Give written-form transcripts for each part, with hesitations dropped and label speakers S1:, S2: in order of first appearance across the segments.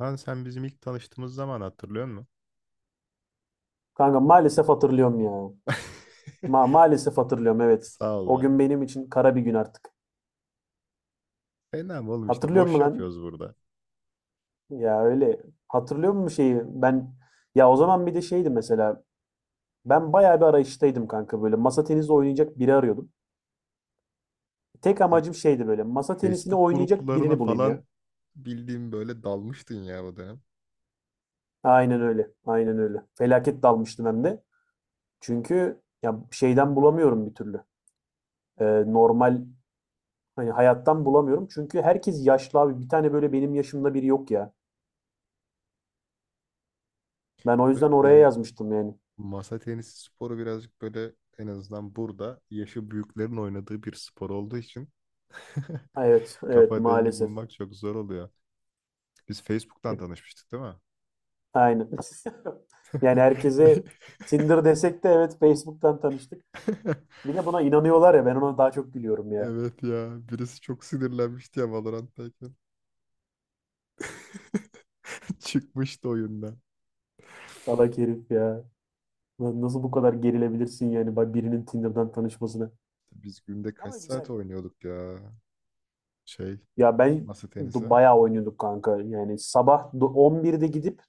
S1: Lan sen bizim ilk tanıştığımız zaman hatırlıyor musun?
S2: Kanka maalesef hatırlıyorum ya. Maalesef hatırlıyorum, evet.
S1: Sağ ol
S2: O
S1: be.
S2: gün benim için kara bir gün artık.
S1: Fena mı oğlum, işte
S2: Hatırlıyor
S1: boş
S2: musun lan?
S1: yapıyoruz burada.
S2: Ya öyle. Hatırlıyor musun şeyi? Ya o zaman bir de şeydi mesela. Ben bayağı bir arayıştaydım kanka, böyle. Masa tenisi oynayacak biri arıyordum. Tek
S1: Sen
S2: amacım şeydi, böyle. Masa tenisini
S1: Facebook
S2: oynayacak
S1: gruplarına
S2: birini bulayım ya.
S1: falan bildiğim böyle dalmıştın ya o dönem.
S2: Aynen öyle. Aynen öyle. Felaket dalmıştım hem de. Çünkü ya şeyden bulamıyorum bir türlü. Normal, hani hayattan bulamıyorum. Çünkü herkes yaşlı abi. Bir tane böyle benim yaşımda biri yok ya. Ben o
S1: Evet
S2: yüzden oraya
S1: yani
S2: yazmıştım yani.
S1: masa tenisi sporu birazcık böyle, en azından burada yaşı büyüklerin oynadığı bir spor olduğu için
S2: Evet, evet
S1: kafa dengi
S2: maalesef.
S1: bulmak çok zor oluyor. Biz Facebook'tan tanışmıştık değil mi?
S2: Aynen. Yani herkese
S1: Bir-
S2: Tinder desek de evet, Facebook'tan tanıştık. Bir de buna inanıyorlar ya, ben ona daha çok gülüyorum ya.
S1: Evet ya, birisi çok sinirlenmişti ya Valorant'tayken. Çıkmıştı oyundan.
S2: Salak herif ya. Lan, nasıl bu kadar gerilebilirsin yani, bak, birinin Tinder'dan tanışmasına.
S1: Biz günde kaç
S2: Ama güzel.
S1: saat oynuyorduk ya? Şey,
S2: Ya ben
S1: masa tenisi.
S2: Bayağı oynuyorduk kanka. Yani sabah 11'de gidip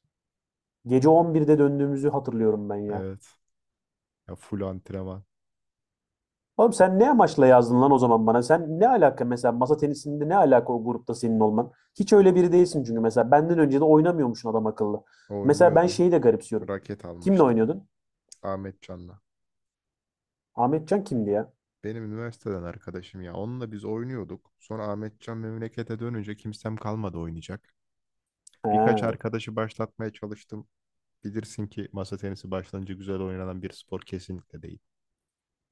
S2: gece 11'de döndüğümüzü hatırlıyorum ben ya.
S1: Evet. Ya full antrenman.
S2: Oğlum sen ne amaçla yazdın lan o zaman bana? Sen ne alaka mesela, masa tenisinde ne alaka o grupta senin olman? Hiç öyle biri değilsin çünkü, mesela benden önce de oynamıyormuşsun adam akıllı. Mesela ben
S1: Oynuyordum.
S2: şeyi de garipsiyorum.
S1: Raket
S2: Kimle
S1: almıştım.
S2: oynuyordun?
S1: Ahmetcan'la.
S2: Ahmetcan kimdi ya?
S1: Benim üniversiteden arkadaşım ya. Onunla biz oynuyorduk. Sonra Ahmetcan memlekete dönünce kimsem kalmadı oynayacak. Birkaç
S2: He,
S1: arkadaşı başlatmaya çalıştım. Bilirsin ki masa tenisi başlanınca güzel oynanan bir spor kesinlikle değil.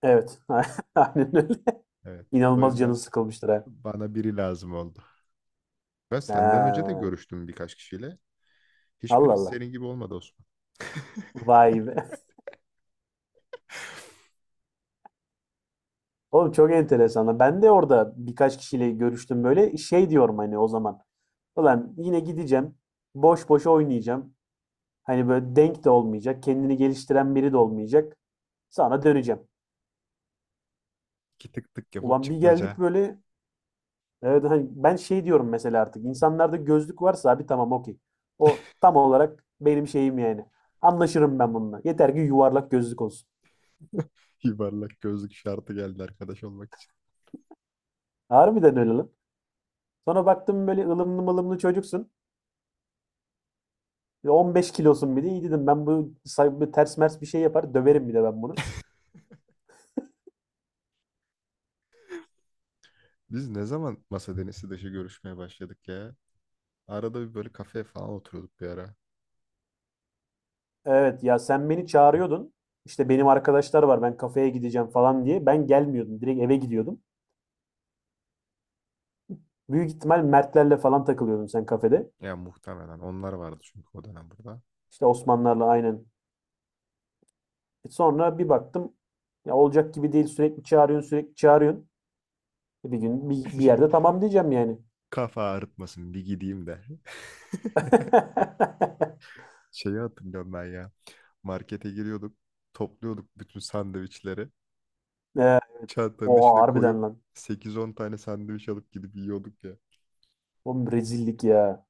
S2: evet. Aynen öyle.
S1: Evet. O
S2: İnanılmaz canı
S1: yüzden
S2: sıkılmıştır ha.
S1: bana biri lazım oldu. Ben senden önce de
S2: He.
S1: görüştüm birkaç kişiyle.
S2: Allah
S1: Hiçbiri
S2: Allah.
S1: senin gibi olmadı, Osman.
S2: Vay be. Oğlum çok enteresan lan. Ben de orada birkaç kişiyle görüştüm böyle. Şey diyorum hani o zaman. Ulan yine gideceğim. Boş boş oynayacağım. Hani böyle denk de olmayacak. Kendini geliştiren biri de olmayacak. Sana döneceğim.
S1: İki tık tık yapıp
S2: Ulan bir geldik
S1: çıkmaca.
S2: böyle, evet, hani ben şey diyorum mesela, artık insanlarda gözlük varsa abi tamam, okey. O tam olarak benim şeyim yani. Anlaşırım ben bununla. Yeter ki yuvarlak gözlük olsun.
S1: Yuvarlak gözlük şartı geldi arkadaş olmak için.
S2: Harbiden öyle lan. Sonra baktım böyle ılımlı mılımlı çocuksun. Ve 15 kilosun bir de, iyi dedim ben bu, bu ters mers bir şey yapar döverim bir de ben bunu.
S1: Biz ne zaman masa denisi dışı görüşmeye başladık ya? Arada bir böyle kafeye falan oturuyorduk bir ara.
S2: Evet ya, sen beni çağırıyordun. İşte benim arkadaşlar var, ben kafeye gideceğim falan diye. Ben gelmiyordum. Direkt eve gidiyordum. Büyük ihtimal Mertlerle falan takılıyordun sen kafede.
S1: Ya muhtemelen onlar vardı, çünkü o dönem burada.
S2: İşte Osmanlarla, aynen. E sonra bir baktım, ya olacak gibi değil, sürekli çağırıyorsun sürekli çağırıyorsun. E bir gün bir yerde tamam diyeceğim yani.
S1: Kafa ağrıtmasın, bir gideyim de. Şeyi hatırlıyorum ben ya. Markete giriyorduk. Topluyorduk bütün sandviçleri.
S2: E,
S1: Çantanın
S2: oha
S1: içine
S2: harbiden
S1: koyup
S2: lan.
S1: sekiz on tane sandviç alıp gidip yiyorduk ya.
S2: Oğlum rezillik ya.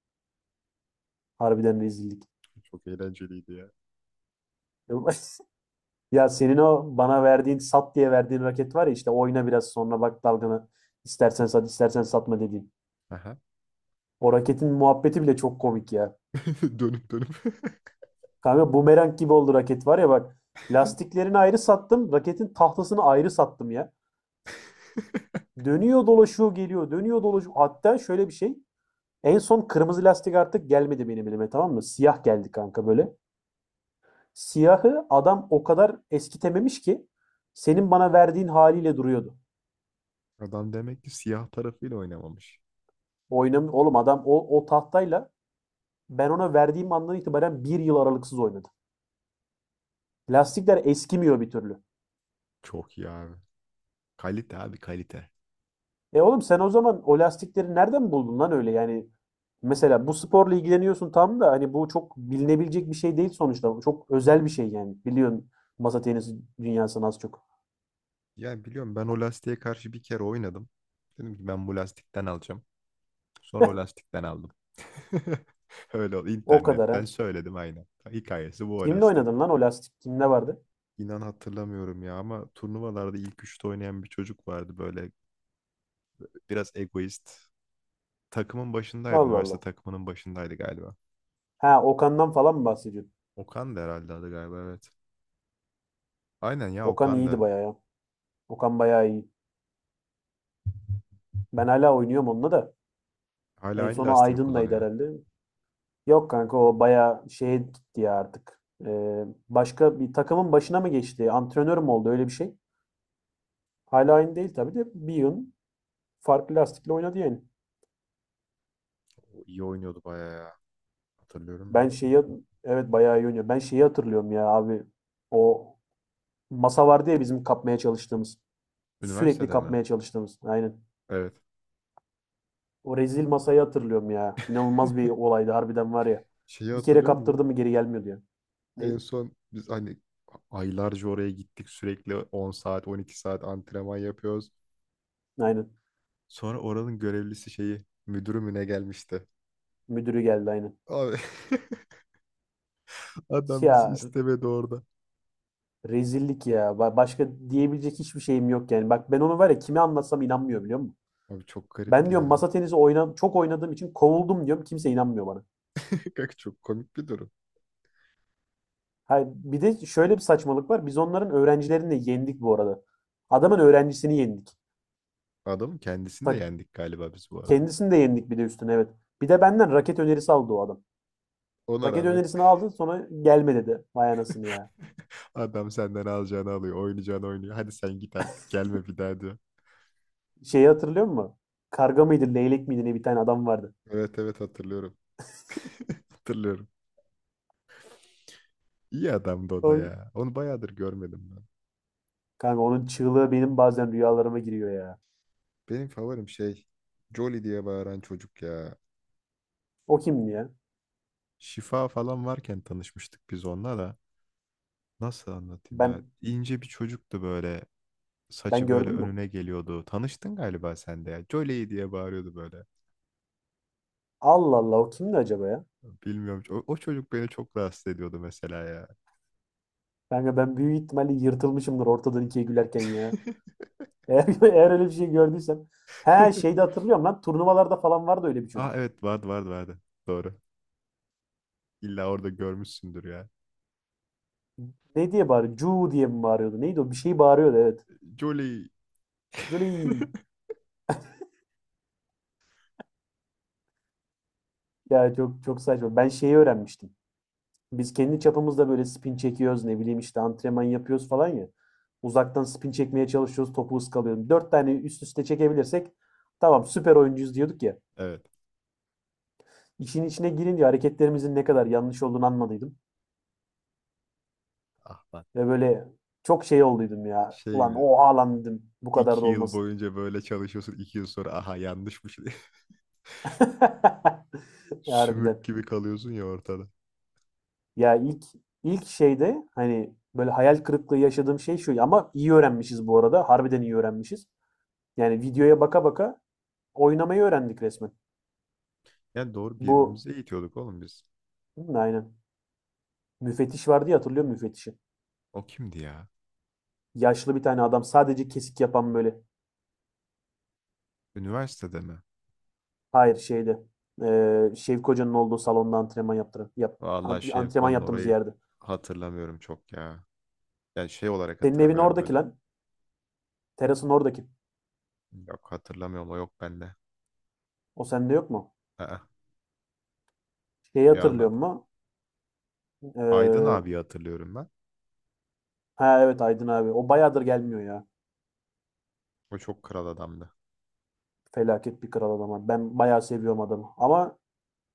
S2: Harbiden rezillik.
S1: Çok eğlenceliydi ya.
S2: Ya senin o bana verdiğin, sat diye verdiğin raket var ya, işte oyna biraz sonra bak dalgana. İstersen sat istersen satma dediğin.
S1: Aha.
S2: O raketin muhabbeti bile çok komik ya.
S1: Dönüp dönüp.
S2: Kanka bumerang gibi oldu raket, var ya bak. Lastiklerini ayrı sattım. Raketin tahtasını ayrı sattım ya. Dönüyor dolaşıyor geliyor. Dönüyor dolaşıyor. Hatta şöyle bir şey. En son kırmızı lastik artık gelmedi benim elime, tamam mı? Siyah geldi kanka böyle. Siyahı adam o kadar eskitememiş ki, senin bana verdiğin haliyle duruyordu.
S1: Adam demek ki siyah tarafıyla oynamamış.
S2: Oğlum adam o tahtayla ben ona verdiğim andan itibaren bir yıl aralıksız oynadı. Lastikler eskimiyor bir türlü.
S1: Çok iyi abi. Kalite abi, kalite.
S2: E oğlum, sen o zaman o lastikleri nereden buldun lan öyle yani? Mesela bu sporla ilgileniyorsun tam da, hani bu çok bilinebilecek bir şey değil sonuçta. Bu çok özel bir şey yani. Biliyorsun masa tenisi dünyasını az çok.
S1: Ya biliyorum, ben o lastiğe karşı bir kere oynadım. Dedim ki ben bu lastikten alacağım. Sonra o lastikten aldım. Öyle oldu.
S2: O kadar
S1: İnternetten
S2: ha.
S1: söyledim aynen. Hikayesi bu o
S2: Kimle
S1: lastiğin.
S2: oynadın lan o lastik? Kimde vardı?
S1: İnan hatırlamıyorum ya, ama turnuvalarda ilk üçte oynayan bir çocuk vardı böyle, biraz egoist. Takımın başındaydı.
S2: Allah
S1: Üniversite
S2: Allah.
S1: takımının başındaydı galiba.
S2: Ha, Okan'dan falan mı bahsediyorsun?
S1: Okan da herhalde adı, galiba evet. Aynen ya,
S2: Okan
S1: Okan
S2: iyiydi
S1: da.
S2: bayağı ya. Okan bayağı iyi. Ben hala oynuyorum onunla da.
S1: Hala
S2: En
S1: aynı
S2: sonu
S1: lastiği mi
S2: Aydın'laydı
S1: kullanıyor?
S2: herhalde. Yok kanka, o bayağı şeye gitti ya artık. Başka bir takımın başına mı geçti? Antrenör mü oldu öyle bir şey? Hala aynı değil tabii de, bir yıl farklı lastikle oynadı yani.
S1: O iyi oynuyordu bayağı ya. Hatırlıyorum
S2: Ben
S1: ben.
S2: şeyi Evet bayağı iyi oynuyor. Ben şeyi hatırlıyorum ya abi. O masa vardı ya bizim kapmaya çalıştığımız. Sürekli
S1: Üniversitede mi?
S2: kapmaya çalıştığımız. Aynen.
S1: Evet.
S2: O rezil masayı hatırlıyorum ya. İnanılmaz bir olaydı harbiden var ya.
S1: Şeyi
S2: Bir kere
S1: hatırlıyor
S2: kaptırdı
S1: musun?
S2: mı geri gelmiyordu ya. Ne?
S1: En son biz hani aylarca oraya gittik, sürekli 10 saat 12 saat antrenman yapıyoruz.
S2: Aynen.
S1: Sonra oranın görevlisi, şeyi, müdürü mü ne gelmişti?
S2: Müdürü geldi aynen.
S1: Abi, adam bizi
S2: Ya
S1: istemedi orada.
S2: rezillik ya. Başka diyebilecek hiçbir şeyim yok yani. Bak ben onu var ya, kime anlatsam inanmıyor biliyor musun?
S1: Abi çok
S2: Ben
S1: garipti
S2: diyorum
S1: ya.
S2: masa tenisi oyna, çok oynadığım için kovuldum diyorum. Kimse inanmıyor bana.
S1: Kanka, çok komik bir durum.
S2: Ha, bir de şöyle bir saçmalık var. Biz onların öğrencilerini de yendik bu arada. Adamın öğrencisini yendik.
S1: Adamın kendisini de
S2: Ta-
S1: yendik galiba biz bu arada.
S2: Kendisini de yendik bir de üstüne, evet. Bir de benden raket önerisi aldı o adam.
S1: Ona
S2: Raket
S1: rağmen
S2: önerisini aldı, sonra gelme dedi. Vay anasını ya.
S1: adam senden alacağını alıyor, oynayacağını oynuyor. Hadi sen git artık, gelme bir daha diyor.
S2: Şeyi hatırlıyor musun? Karga mıydı, leylek miydi ne, bir tane adam vardı.
S1: Evet evet, hatırlıyorum. Hatırlıyorum. İyi adamdı o da
S2: Oy.
S1: ya. Onu bayağıdır görmedim ben.
S2: Kanka onun çığlığı benim bazen rüyalarıma giriyor ya.
S1: Benim favorim şey, Jolly diye bağıran çocuk ya.
S2: O kimdi ya?
S1: Şifa falan varken tanışmıştık biz onunla da. Nasıl anlatayım ya?
S2: Ben
S1: İnce bir çocuktu böyle.
S2: ben
S1: Saçı böyle
S2: gördüm mü?
S1: önüne geliyordu. Tanıştın galiba sen de ya. Jolly diye bağırıyordu böyle.
S2: Allah Allah, o kimdi acaba ya?
S1: Bilmiyorum. O çocuk beni çok rahatsız ediyordu mesela ya.
S2: Kanka ben büyük ihtimalle yırtılmışımdır ortadan ikiye gülerken ya. Eğer, eğer öyle bir şey gördüysem. He şeyde hatırlıyorum lan, turnuvalarda falan vardı öyle bir
S1: Aa,
S2: çocuk.
S1: evet vardı vardı vardı. Doğru. İlla orada görmüşsündür ya.
S2: Ne diye bağırıyor? Cu diye mi bağırıyordu? Neydi o? Bir şey bağırıyordu evet.
S1: Jolly.
S2: Jolly. Ya çok çok saçma. Ben şeyi öğrenmiştim. Biz kendi çapımızda böyle spin çekiyoruz, ne bileyim işte antrenman yapıyoruz falan ya. Uzaktan spin çekmeye çalışıyoruz, topu ıskalıyorum. Dört tane üst üste çekebilirsek tamam, süper oyuncuyuz diyorduk ya.
S1: Evet.
S2: İşin içine girince hareketlerimizin ne kadar yanlış olduğunu anladıydım.
S1: Ah lan.
S2: Ve böyle çok şey olduydum ya.
S1: Şey
S2: Ulan
S1: gibi,
S2: oha lan dedim. Bu kadar da
S1: 2 yıl
S2: olmasın.
S1: boyunca böyle çalışıyorsun. 2 yıl sonra aha yanlışmış diye.
S2: Harbiden.
S1: Sümük gibi kalıyorsun ya ortada.
S2: Ya ilk ilk şeyde hani böyle hayal kırıklığı yaşadığım şey şu. Ama iyi öğrenmişiz bu arada. Harbiden iyi öğrenmişiz. Yani videoya baka baka oynamayı öğrendik resmen.
S1: Yani doğru,
S2: Bu
S1: birbirimize eğitiyorduk oğlum biz.
S2: hı, aynen. Müfettiş vardı ya, hatırlıyor musun müfettişi?
S1: O kimdi ya?
S2: Yaşlı bir tane adam, sadece kesik yapan böyle.
S1: Üniversitede mi?
S2: Hayır şeyde. Şevk Hoca'nın olduğu salonda antrenman yaptıran.
S1: Vallahi
S2: Antrenman
S1: Şevko'nun
S2: yaptığımız
S1: orayı
S2: yerde.
S1: hatırlamıyorum çok ya. Yani şey olarak
S2: Senin evin
S1: hatırlamıyorum böyle.
S2: oradaki lan. Teras'ın oradaki.
S1: Yok, hatırlamıyorum, o yok bende.
S2: O sende yok mu?
S1: Aa,
S2: Şeyi
S1: ya
S2: hatırlıyor
S1: anlat.
S2: mu?
S1: Aydın
S2: Ee,
S1: abi hatırlıyorum ben.
S2: ha evet, Aydın abi. O bayağıdır gelmiyor ya.
S1: O çok kral adamdı.
S2: Felaket bir kral adam abi. Ben bayağı seviyorum adamı. Ama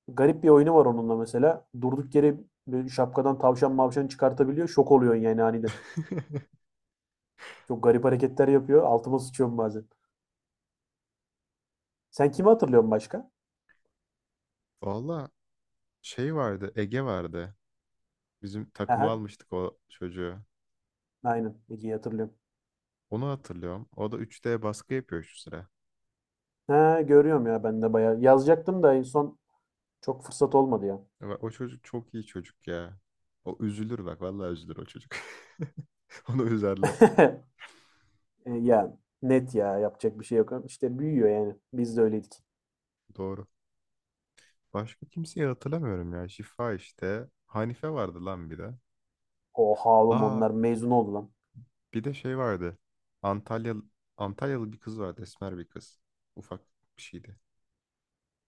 S2: garip bir oyunu var onunla mesela. Durduk yere böyle şapkadan tavşan mavşan çıkartabiliyor. Şok oluyorsun yani aniden. Çok garip hareketler yapıyor. Altıma sıçıyorum bazen. Sen kimi hatırlıyorsun başka?
S1: Valla şey vardı, Ege vardı. Bizim takıma
S2: Aha,
S1: almıştık o çocuğu.
S2: aynen. Ege'yi hatırlıyorum.
S1: Onu hatırlıyorum. O da 3D baskı yapıyor şu sıra.
S2: Ha, görüyorum ya ben de bayağı. Yazacaktım da en son çok fırsat olmadı ya.
S1: Ya bak, o çocuk çok iyi çocuk ya. O üzülür, bak vallahi üzülür o çocuk. Onu üzerler.
S2: E, ya net ya, yapacak bir şey yok. İşte büyüyor yani. Biz de öyleydik.
S1: Doğru. Başka kimseyi hatırlamıyorum ya. Şifa işte. Hanife vardı lan bir de.
S2: Oha oğlum,
S1: Aa,
S2: onlar mezun oldu lan.
S1: bir de şey vardı. Antalyalı, Antalyalı bir kız vardı. Esmer bir kız. Ufak bir şeydi.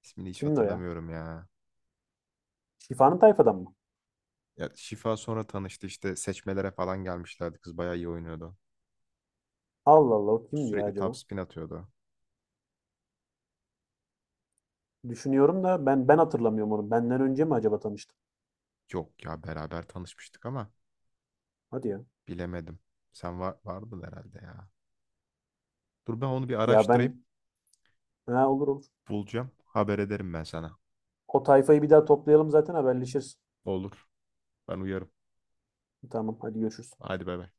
S1: İsmini hiç
S2: Kimdi o ya?
S1: hatırlamıyorum ya.
S2: Şifanın tayfadan mı?
S1: Ya Şifa sonra tanıştı, işte seçmelere falan gelmişlerdi. Kız bayağı iyi oynuyordu.
S2: Allah Allah, o kimdi ya
S1: Sürekli top
S2: acaba?
S1: spin atıyordu.
S2: Düşünüyorum da ben hatırlamıyorum onu. Benden önce mi acaba tanıştık?
S1: Yok ya, beraber tanışmıştık ama
S2: Hadi ya.
S1: bilemedim. Sen vardın herhalde ya. Dur ben onu bir
S2: Ya
S1: araştırayım.
S2: ben Ha, olur olur.
S1: Bulacağım. Haber ederim ben sana.
S2: O tayfayı bir daha toplayalım, zaten haberleşiriz.
S1: Olur. Ben uyarım.
S2: Tamam hadi, görüşürüz.
S1: Hadi bay bay.